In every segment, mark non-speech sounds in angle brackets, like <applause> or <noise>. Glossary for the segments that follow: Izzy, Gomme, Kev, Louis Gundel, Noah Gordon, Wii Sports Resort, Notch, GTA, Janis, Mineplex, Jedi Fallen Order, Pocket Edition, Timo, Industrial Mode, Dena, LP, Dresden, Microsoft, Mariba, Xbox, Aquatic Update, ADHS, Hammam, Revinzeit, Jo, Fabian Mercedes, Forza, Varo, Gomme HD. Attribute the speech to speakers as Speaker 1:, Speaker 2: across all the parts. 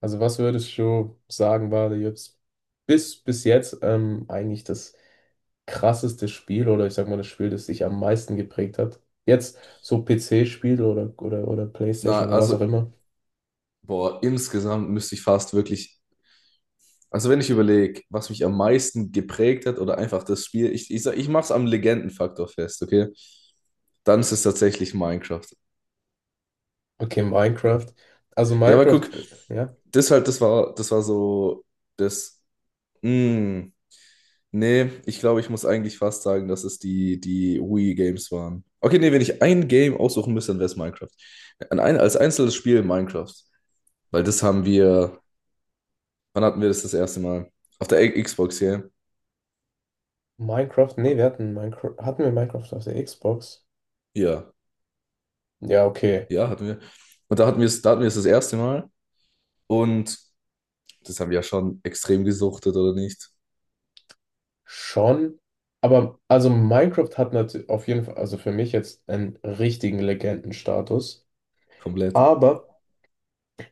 Speaker 1: Also was würdest du sagen, war jetzt bis jetzt eigentlich das krasseste Spiel oder ich sag mal das Spiel, das dich am meisten geprägt hat? Jetzt so PC-Spiel oder
Speaker 2: Na,
Speaker 1: PlayStation oder was auch
Speaker 2: also,
Speaker 1: immer.
Speaker 2: boah, insgesamt müsste ich fast wirklich, also wenn ich überlege, was mich am meisten geprägt hat oder einfach das Spiel, ich mache es am Legendenfaktor fest, okay? Dann ist es tatsächlich Minecraft.
Speaker 1: Okay, Minecraft. Also
Speaker 2: Ja, aber guck,
Speaker 1: Minecraft, ja.
Speaker 2: das halt, das war so, das, mm, nee, ich glaube, ich muss eigentlich fast sagen, dass es die Wii-Games waren. Okay, nee, wenn ich ein Game aussuchen müsste, dann wäre es Minecraft. An ein, als einzelnes Spiel Minecraft. Weil das haben wir, wann hatten wir das das erste Mal? Auf der Xbox hier.
Speaker 1: Minecraft, nee, wir hatten Minecraft, hatten wir Minecraft auf der Xbox?
Speaker 2: Ja,
Speaker 1: Ja, okay,
Speaker 2: ja, hatten wir. Und da hatten wir es das erste Mal. Und das haben wir ja schon extrem gesuchtet, oder nicht?
Speaker 1: schon. Aber also Minecraft hat natürlich auf jeden Fall, also für mich jetzt einen richtigen Legendenstatus.
Speaker 2: Komplett.
Speaker 1: Aber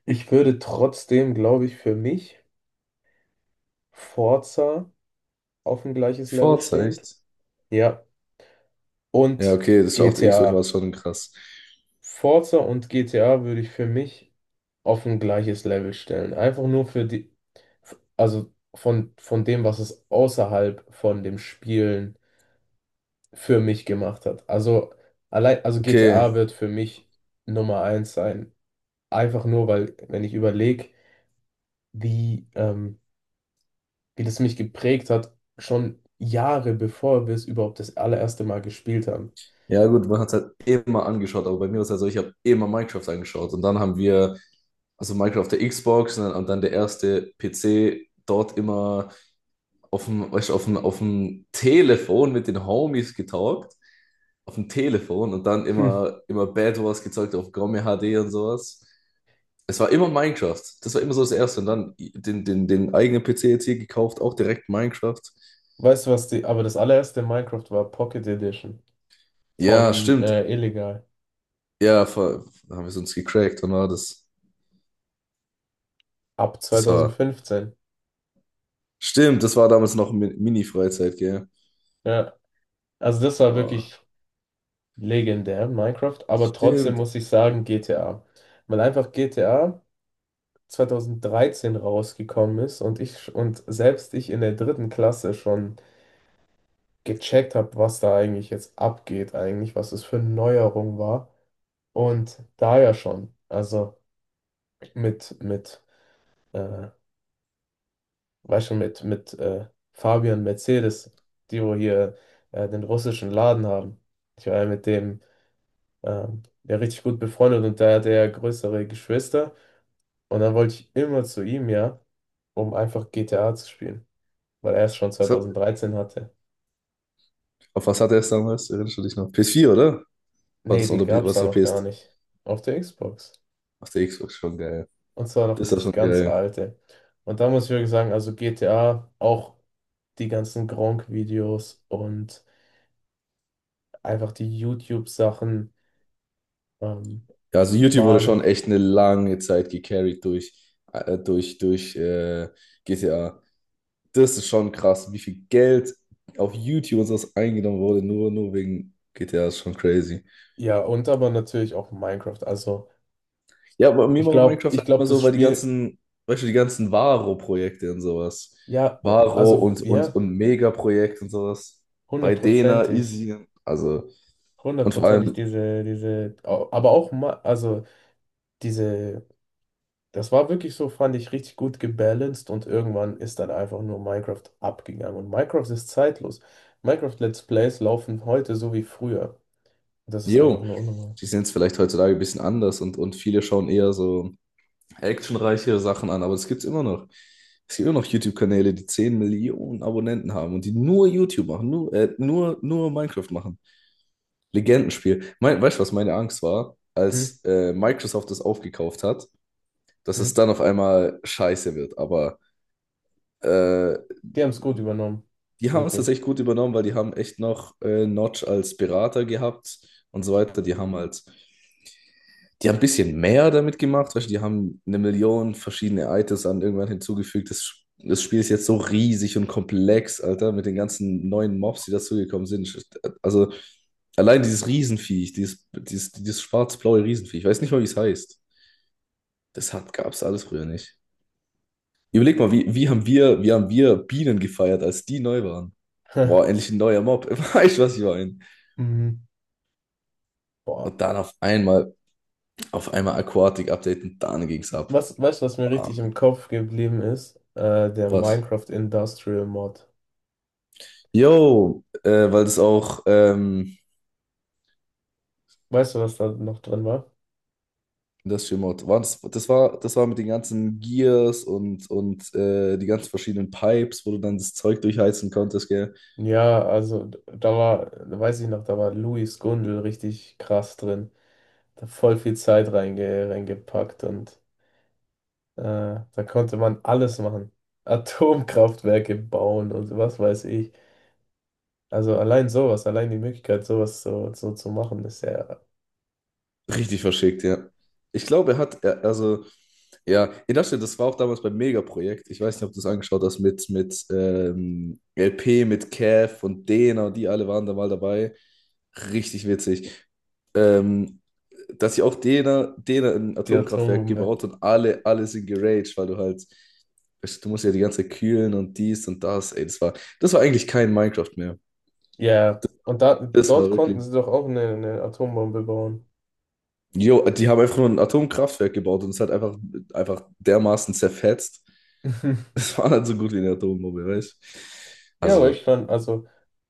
Speaker 1: ich würde trotzdem, glaube ich, für mich Forza auf ein gleiches Level
Speaker 2: Forza,
Speaker 1: stehen.
Speaker 2: echt?
Speaker 1: Ja.
Speaker 2: Ja,
Speaker 1: Und
Speaker 2: okay, das war, auf der Xbox war
Speaker 1: GTA.
Speaker 2: es schon krass.
Speaker 1: Forza und GTA würde ich für mich auf ein gleiches Level stellen. Einfach nur für die, also von dem, was es außerhalb von dem Spielen für mich gemacht hat. Also allein, also
Speaker 2: Okay,
Speaker 1: GTA wird für mich Nummer eins sein. Einfach nur, weil, wenn ich überlege, wie, wie das mich geprägt hat, schon Jahre bevor wir es überhaupt das allererste Mal gespielt haben.
Speaker 2: ja gut, man hat es halt immer angeschaut, aber bei mir war es halt so, ich habe immer Minecraft angeschaut. Und dann haben wir, also Minecraft auf der Xbox und dann der erste PC, dort immer auf dem, weißt du, auf dem Telefon mit den Homies getalkt. Auf dem Telefon und dann
Speaker 1: Hm.
Speaker 2: immer, immer Bad Wars gezeigt auf Gomme HD und sowas. Es war immer Minecraft. Das war immer so das Erste. Und dann den, den, den eigenen PC jetzt hier gekauft, auch direkt Minecraft.
Speaker 1: Weißt du was, die, aber das allererste Minecraft war Pocket Edition
Speaker 2: Ja,
Speaker 1: von
Speaker 2: stimmt.
Speaker 1: Illegal
Speaker 2: Ja, voll. Da haben wir es uns gecrackt. Und war das,
Speaker 1: ab
Speaker 2: das war.
Speaker 1: 2015.
Speaker 2: Stimmt, das war damals noch Mini-Freizeit, gell?
Speaker 1: Ja, also das war
Speaker 2: Boah.
Speaker 1: wirklich legendär, Minecraft, aber trotzdem
Speaker 2: Stimmt.
Speaker 1: muss ich sagen GTA, weil einfach GTA 2013 rausgekommen ist und ich und selbst ich in der dritten Klasse schon gecheckt habe, was da eigentlich jetzt abgeht, eigentlich, was es für eine Neuerung war. Und da ja schon, also mit, mit, äh, weißt schon, mit Fabian Mercedes, die wo hier den russischen Laden haben. Ich war ja mit dem ja richtig gut befreundet und da hat er ja größere Geschwister. Und dann wollte ich immer zu ihm, ja, um einfach GTA zu spielen, weil er es schon
Speaker 2: Das hat,
Speaker 1: 2013 hatte.
Speaker 2: auf was hatte er es damals? Erinnerst du dich noch? PS4 oder? War
Speaker 1: Nee,
Speaker 2: das,
Speaker 1: die
Speaker 2: oder
Speaker 1: gab
Speaker 2: war
Speaker 1: es
Speaker 2: das
Speaker 1: da
Speaker 2: noch
Speaker 1: noch gar
Speaker 2: PS?
Speaker 1: nicht auf der Xbox.
Speaker 2: Auf der Xbox schon geil.
Speaker 1: Und zwar noch
Speaker 2: Das war
Speaker 1: das
Speaker 2: schon
Speaker 1: ganz
Speaker 2: geil.
Speaker 1: alte. Und da muss ich wirklich sagen, also GTA, auch die ganzen Gronkh-Videos und einfach die YouTube-Sachen ähm,
Speaker 2: Ja, also YouTube wurde schon
Speaker 1: waren,
Speaker 2: echt eine lange Zeit gecarried durch, äh, durch, durch äh, GTA. Das ist schon krass, wie viel Geld auf YouTube und sowas eingenommen wurde, nur wegen GTA, ist schon crazy.
Speaker 1: ja, und aber natürlich auch Minecraft. Also
Speaker 2: Ja, aber mir
Speaker 1: ich
Speaker 2: war
Speaker 1: glaube,
Speaker 2: Minecraft
Speaker 1: ich
Speaker 2: halt
Speaker 1: glaube,
Speaker 2: immer
Speaker 1: das
Speaker 2: so, weil die
Speaker 1: Spiel,
Speaker 2: ganzen, weißt du, die ganzen Varo-Projekte und sowas.
Speaker 1: ja, o-
Speaker 2: Varo
Speaker 1: also ja,
Speaker 2: und Mega-Projekt und sowas. Bei Dena,
Speaker 1: hundertprozentig,
Speaker 2: Izzy, also. Und vor
Speaker 1: hundertprozentig
Speaker 2: allem
Speaker 1: diese, au- aber auch, Ma- also diese. Das war wirklich so, fand ich, richtig gut gebalanced und irgendwann ist dann einfach nur Minecraft abgegangen. Und Minecraft ist zeitlos. Minecraft Let's Plays laufen heute so wie früher. Das ist einfach
Speaker 2: Jo,
Speaker 1: nur unnormal.
Speaker 2: die sind es vielleicht heutzutage ein bisschen anders und viele schauen eher so actionreichere Sachen an, aber das gibt es immer noch. Es gibt immer noch YouTube-Kanäle, die 10 Millionen Abonnenten haben und die nur YouTube machen, nur Minecraft machen. Legendenspiel. Mein, weißt du, was meine Angst war,
Speaker 1: Hm?
Speaker 2: als Microsoft das aufgekauft hat, dass
Speaker 1: Hm?
Speaker 2: es dann auf einmal scheiße wird. Aber äh,
Speaker 1: Die haben es gut übernommen.
Speaker 2: die haben es
Speaker 1: Wirklich.
Speaker 2: tatsächlich gut übernommen, weil die haben echt noch Notch als Berater gehabt und so weiter. Die haben ein bisschen mehr damit gemacht, weißt du, die haben eine Million verschiedene Items an irgendwann hinzugefügt. Das, das Spiel ist jetzt so riesig und komplex, Alter, mit den ganzen neuen Mobs, die dazugekommen sind. Also allein dieses Riesenviech, dieses schwarz-blaue Riesenviech, ich weiß nicht mal, wie es heißt. Das hat, gab es alles früher nicht. Überleg mal, wie, wie haben wir Bienen gefeiert, als die neu waren? Boah,
Speaker 1: <laughs>
Speaker 2: endlich ein neuer Mob. <laughs> Weißt du, was ich meine?
Speaker 1: Mhm. Boah.
Speaker 2: Und dann auf einmal Aquatic Update und dann ging's ab.
Speaker 1: Was, weißt du, was mir richtig im
Speaker 2: Bam.
Speaker 1: Kopf geblieben ist? Der
Speaker 2: Was?
Speaker 1: Minecraft Industrial Mod.
Speaker 2: Jo, weil das auch
Speaker 1: Weißt du, was da noch drin war?
Speaker 2: Industrial Mode war. Das war mit den ganzen Gears und die ganzen verschiedenen Pipes, wo du dann das Zeug durchheizen konntest, gell?
Speaker 1: Ja, also da war, weiß ich noch, da war Louis Gundel richtig krass drin. Da voll viel Zeit reingepackt und äh, da konnte man alles machen. <laughs> Atomkraftwerke bauen und was weiß ich. Also allein sowas, allein die Möglichkeit, sowas so, so zu machen, ist ja
Speaker 2: Richtig verschickt, ja. Ich glaube, er hat, er, also, ja, ja, das stimmt, das war auch damals beim Mega-Projekt. Ich weiß nicht, ob du es angeschaut hast, mit LP, mit Kev und Dena und die alle waren da mal dabei. Richtig witzig. Ähm, dass sie auch Dena ein
Speaker 1: die
Speaker 2: Atomkraftwerk
Speaker 1: Atombombe.
Speaker 2: gebaut und alle sind geraged, weil du halt, du musst ja die ganze Zeit kühlen und dies und das. Ey, das war eigentlich kein Minecraft mehr.
Speaker 1: Ja, und da,
Speaker 2: Das war
Speaker 1: dort konnten
Speaker 2: wirklich.
Speaker 1: sie doch auch eine Atombombe bauen.
Speaker 2: Jo, die haben einfach nur ein Atomkraftwerk gebaut und es hat einfach dermaßen zerfetzt. <laughs>
Speaker 1: <laughs>
Speaker 2: Es war nicht so gut wie eine Atombombe, weißt du?
Speaker 1: Ja, aber
Speaker 2: Also,
Speaker 1: ich fand, also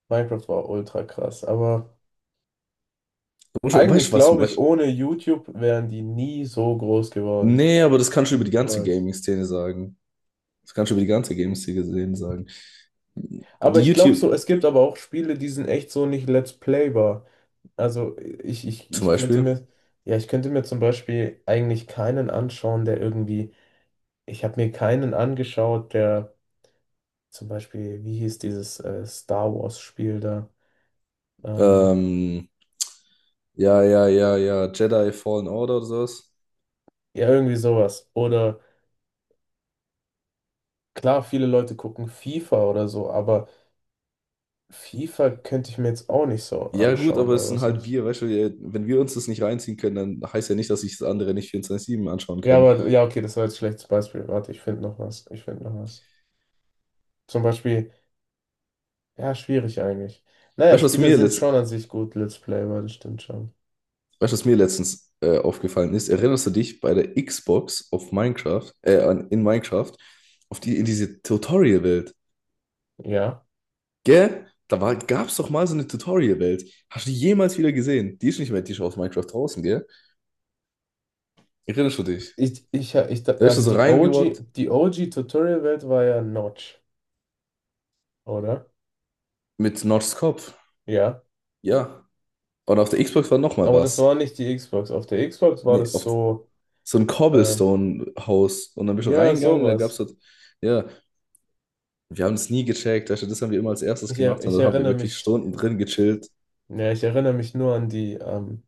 Speaker 1: Minecraft war ultra krass, aber
Speaker 2: weißt
Speaker 1: eigentlich
Speaker 2: du was?
Speaker 1: glaube ich,
Speaker 2: Weißt,
Speaker 1: ohne YouTube wären die nie so groß geworden.
Speaker 2: nee, aber das kannst du über die ganze
Speaker 1: Niemals.
Speaker 2: Gaming-Szene sagen. Das kannst du über die ganze Gaming-Szene sagen.
Speaker 1: Aber
Speaker 2: Die
Speaker 1: ich glaube
Speaker 2: YouTube
Speaker 1: so, es gibt aber auch Spiele, die sind echt so nicht Let's Playbar. Also ich, ich,
Speaker 2: zum
Speaker 1: ich könnte
Speaker 2: Beispiel.
Speaker 1: mir, ja, ich könnte mir zum Beispiel eigentlich keinen anschauen, der irgendwie, ich habe mir keinen angeschaut, der zum Beispiel, wie hieß dieses Star Wars Spiel da? Ähm,
Speaker 2: Ähm, ja, ja, ja, ja, Jedi Fallen Order oder sowas.
Speaker 1: ja, irgendwie sowas. Oder klar, viele Leute gucken FIFA oder so, aber FIFA könnte ich mir jetzt auch nicht so
Speaker 2: Ja, gut,
Speaker 1: anschauen
Speaker 2: aber es
Speaker 1: oder
Speaker 2: sind
Speaker 1: so.
Speaker 2: halt wir, weißt du, wenn wir uns das nicht reinziehen können, dann heißt ja nicht, dass sich das andere nicht 24/7 anschauen
Speaker 1: Ja,
Speaker 2: können.
Speaker 1: aber ja, okay, das war jetzt ein schlechtes Beispiel. Warte, ich finde noch was. Ich finde noch was. Zum Beispiel, ja, schwierig eigentlich. Naja,
Speaker 2: Weißt du, was
Speaker 1: Spiele
Speaker 2: mir
Speaker 1: sind schon
Speaker 2: letzt,
Speaker 1: an sich gut, Let's Play war das stimmt schon.
Speaker 2: Weißt du, was mir letztens aufgefallen ist? Erinnerst du dich bei der Xbox auf Minecraft, in Minecraft, in diese Tutorial-Welt?
Speaker 1: Ja.
Speaker 2: Gell? Da war, gab's doch mal so eine Tutorial-Welt. Hast du die jemals wieder gesehen? Die ist nicht mehr, die ist aus Minecraft draußen, gell? Erinnerst du dich? Da bist du
Speaker 1: Also
Speaker 2: so
Speaker 1: die OG,
Speaker 2: reingewalkt
Speaker 1: die OG Tutorial-Welt war ja Notch, oder?
Speaker 2: mit Notchs Kopf.
Speaker 1: Ja.
Speaker 2: Ja. Und auf der Xbox war nochmal
Speaker 1: Aber das war
Speaker 2: was.
Speaker 1: nicht die Xbox. Auf der Xbox war
Speaker 2: Nee,
Speaker 1: das
Speaker 2: auf
Speaker 1: so,
Speaker 2: so ein
Speaker 1: ähm,
Speaker 2: Cobblestone-Haus. Und dann bist du
Speaker 1: ja,
Speaker 2: reingegangen und da gab's
Speaker 1: sowas.
Speaker 2: halt, ja, wir haben es nie gecheckt. Weißt du, das haben wir immer als erstes
Speaker 1: Ich, er,
Speaker 2: gemacht und
Speaker 1: ich
Speaker 2: da haben wir
Speaker 1: erinnere
Speaker 2: wirklich
Speaker 1: mich,
Speaker 2: Stunden drin gechillt
Speaker 1: ja, ich erinnere mich nur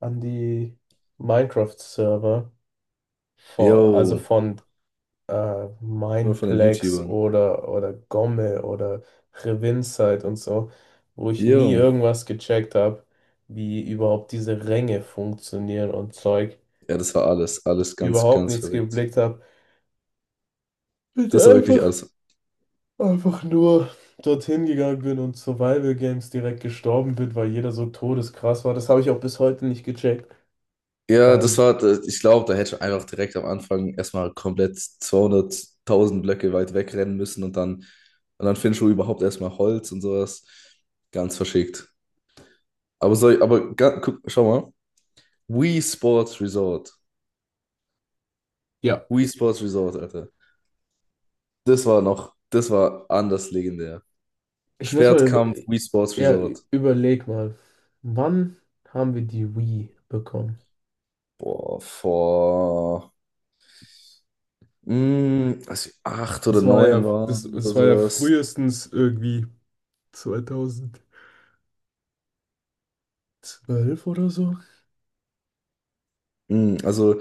Speaker 1: an die Minecraft-Server, vor, also
Speaker 2: Yo,
Speaker 1: von
Speaker 2: nur von den
Speaker 1: Mineplex
Speaker 2: YouTubern.
Speaker 1: oder Gomme oder Revinzeit und so, wo ich nie
Speaker 2: Yo.
Speaker 1: irgendwas gecheckt habe, wie überhaupt diese Ränge funktionieren und Zeug.
Speaker 2: Ja, das war alles, alles ganz,
Speaker 1: Überhaupt
Speaker 2: ganz
Speaker 1: nichts
Speaker 2: verrückt.
Speaker 1: geblickt habe. Bin ich
Speaker 2: Das war wirklich
Speaker 1: einfach,
Speaker 2: alles.
Speaker 1: einfach nur dorthin gegangen bin und Survival Games direkt gestorben bin, weil jeder so todeskrass war. Das habe ich auch bis heute nicht gecheckt.
Speaker 2: Ja, das
Speaker 1: Ähm,
Speaker 2: war, ich glaube, da hätte ich einfach direkt am Anfang erstmal komplett 200.000 Blöcke weit wegrennen müssen und dann findest du überhaupt erstmal Holz und sowas. Ganz verschickt. Aber soll ich, aber guck, schau mal. Wii Sports Resort.
Speaker 1: Ja.
Speaker 2: Wii Sports Resort, Alter. Das war noch, das war anders legendär.
Speaker 1: Ich muss mal über,
Speaker 2: Schwertkampf, Wii Sports
Speaker 1: ja, ü-
Speaker 2: Resort.
Speaker 1: überleg mal, wann haben wir die Wii bekommen?
Speaker 2: Boah, vor, als wir acht oder
Speaker 1: Das war ja,
Speaker 2: neun
Speaker 1: das,
Speaker 2: waren oder
Speaker 1: das war ja
Speaker 2: sowas.
Speaker 1: frühestens irgendwie 2012 oder so.
Speaker 2: Also,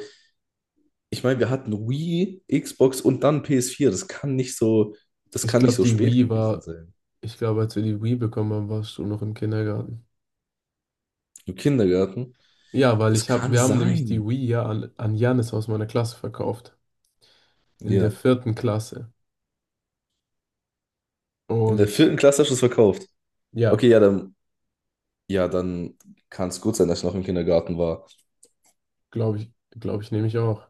Speaker 2: ich meine, wir hatten Wii, Xbox und dann PS4. Das
Speaker 1: Ich
Speaker 2: kann nicht
Speaker 1: glaube,
Speaker 2: so
Speaker 1: die
Speaker 2: spät
Speaker 1: Wii
Speaker 2: gewesen
Speaker 1: war,
Speaker 2: sein.
Speaker 1: ich glaube, als wir die Wii bekommen haben, warst du noch im Kindergarten.
Speaker 2: Im Kindergarten.
Speaker 1: Ja, weil
Speaker 2: Das
Speaker 1: ich habe,
Speaker 2: kann
Speaker 1: wir haben nämlich die
Speaker 2: sein.
Speaker 1: Wii ja an, an Janis aus meiner Klasse verkauft. In der
Speaker 2: Ja.
Speaker 1: vierten Klasse.
Speaker 2: In der
Speaker 1: Und
Speaker 2: vierten Klasse hast du es verkauft.
Speaker 1: ja,
Speaker 2: Okay, ja, dann kann es gut sein, dass ich noch im Kindergarten war.
Speaker 1: glaube ich, glaube ich, nehme ich auch.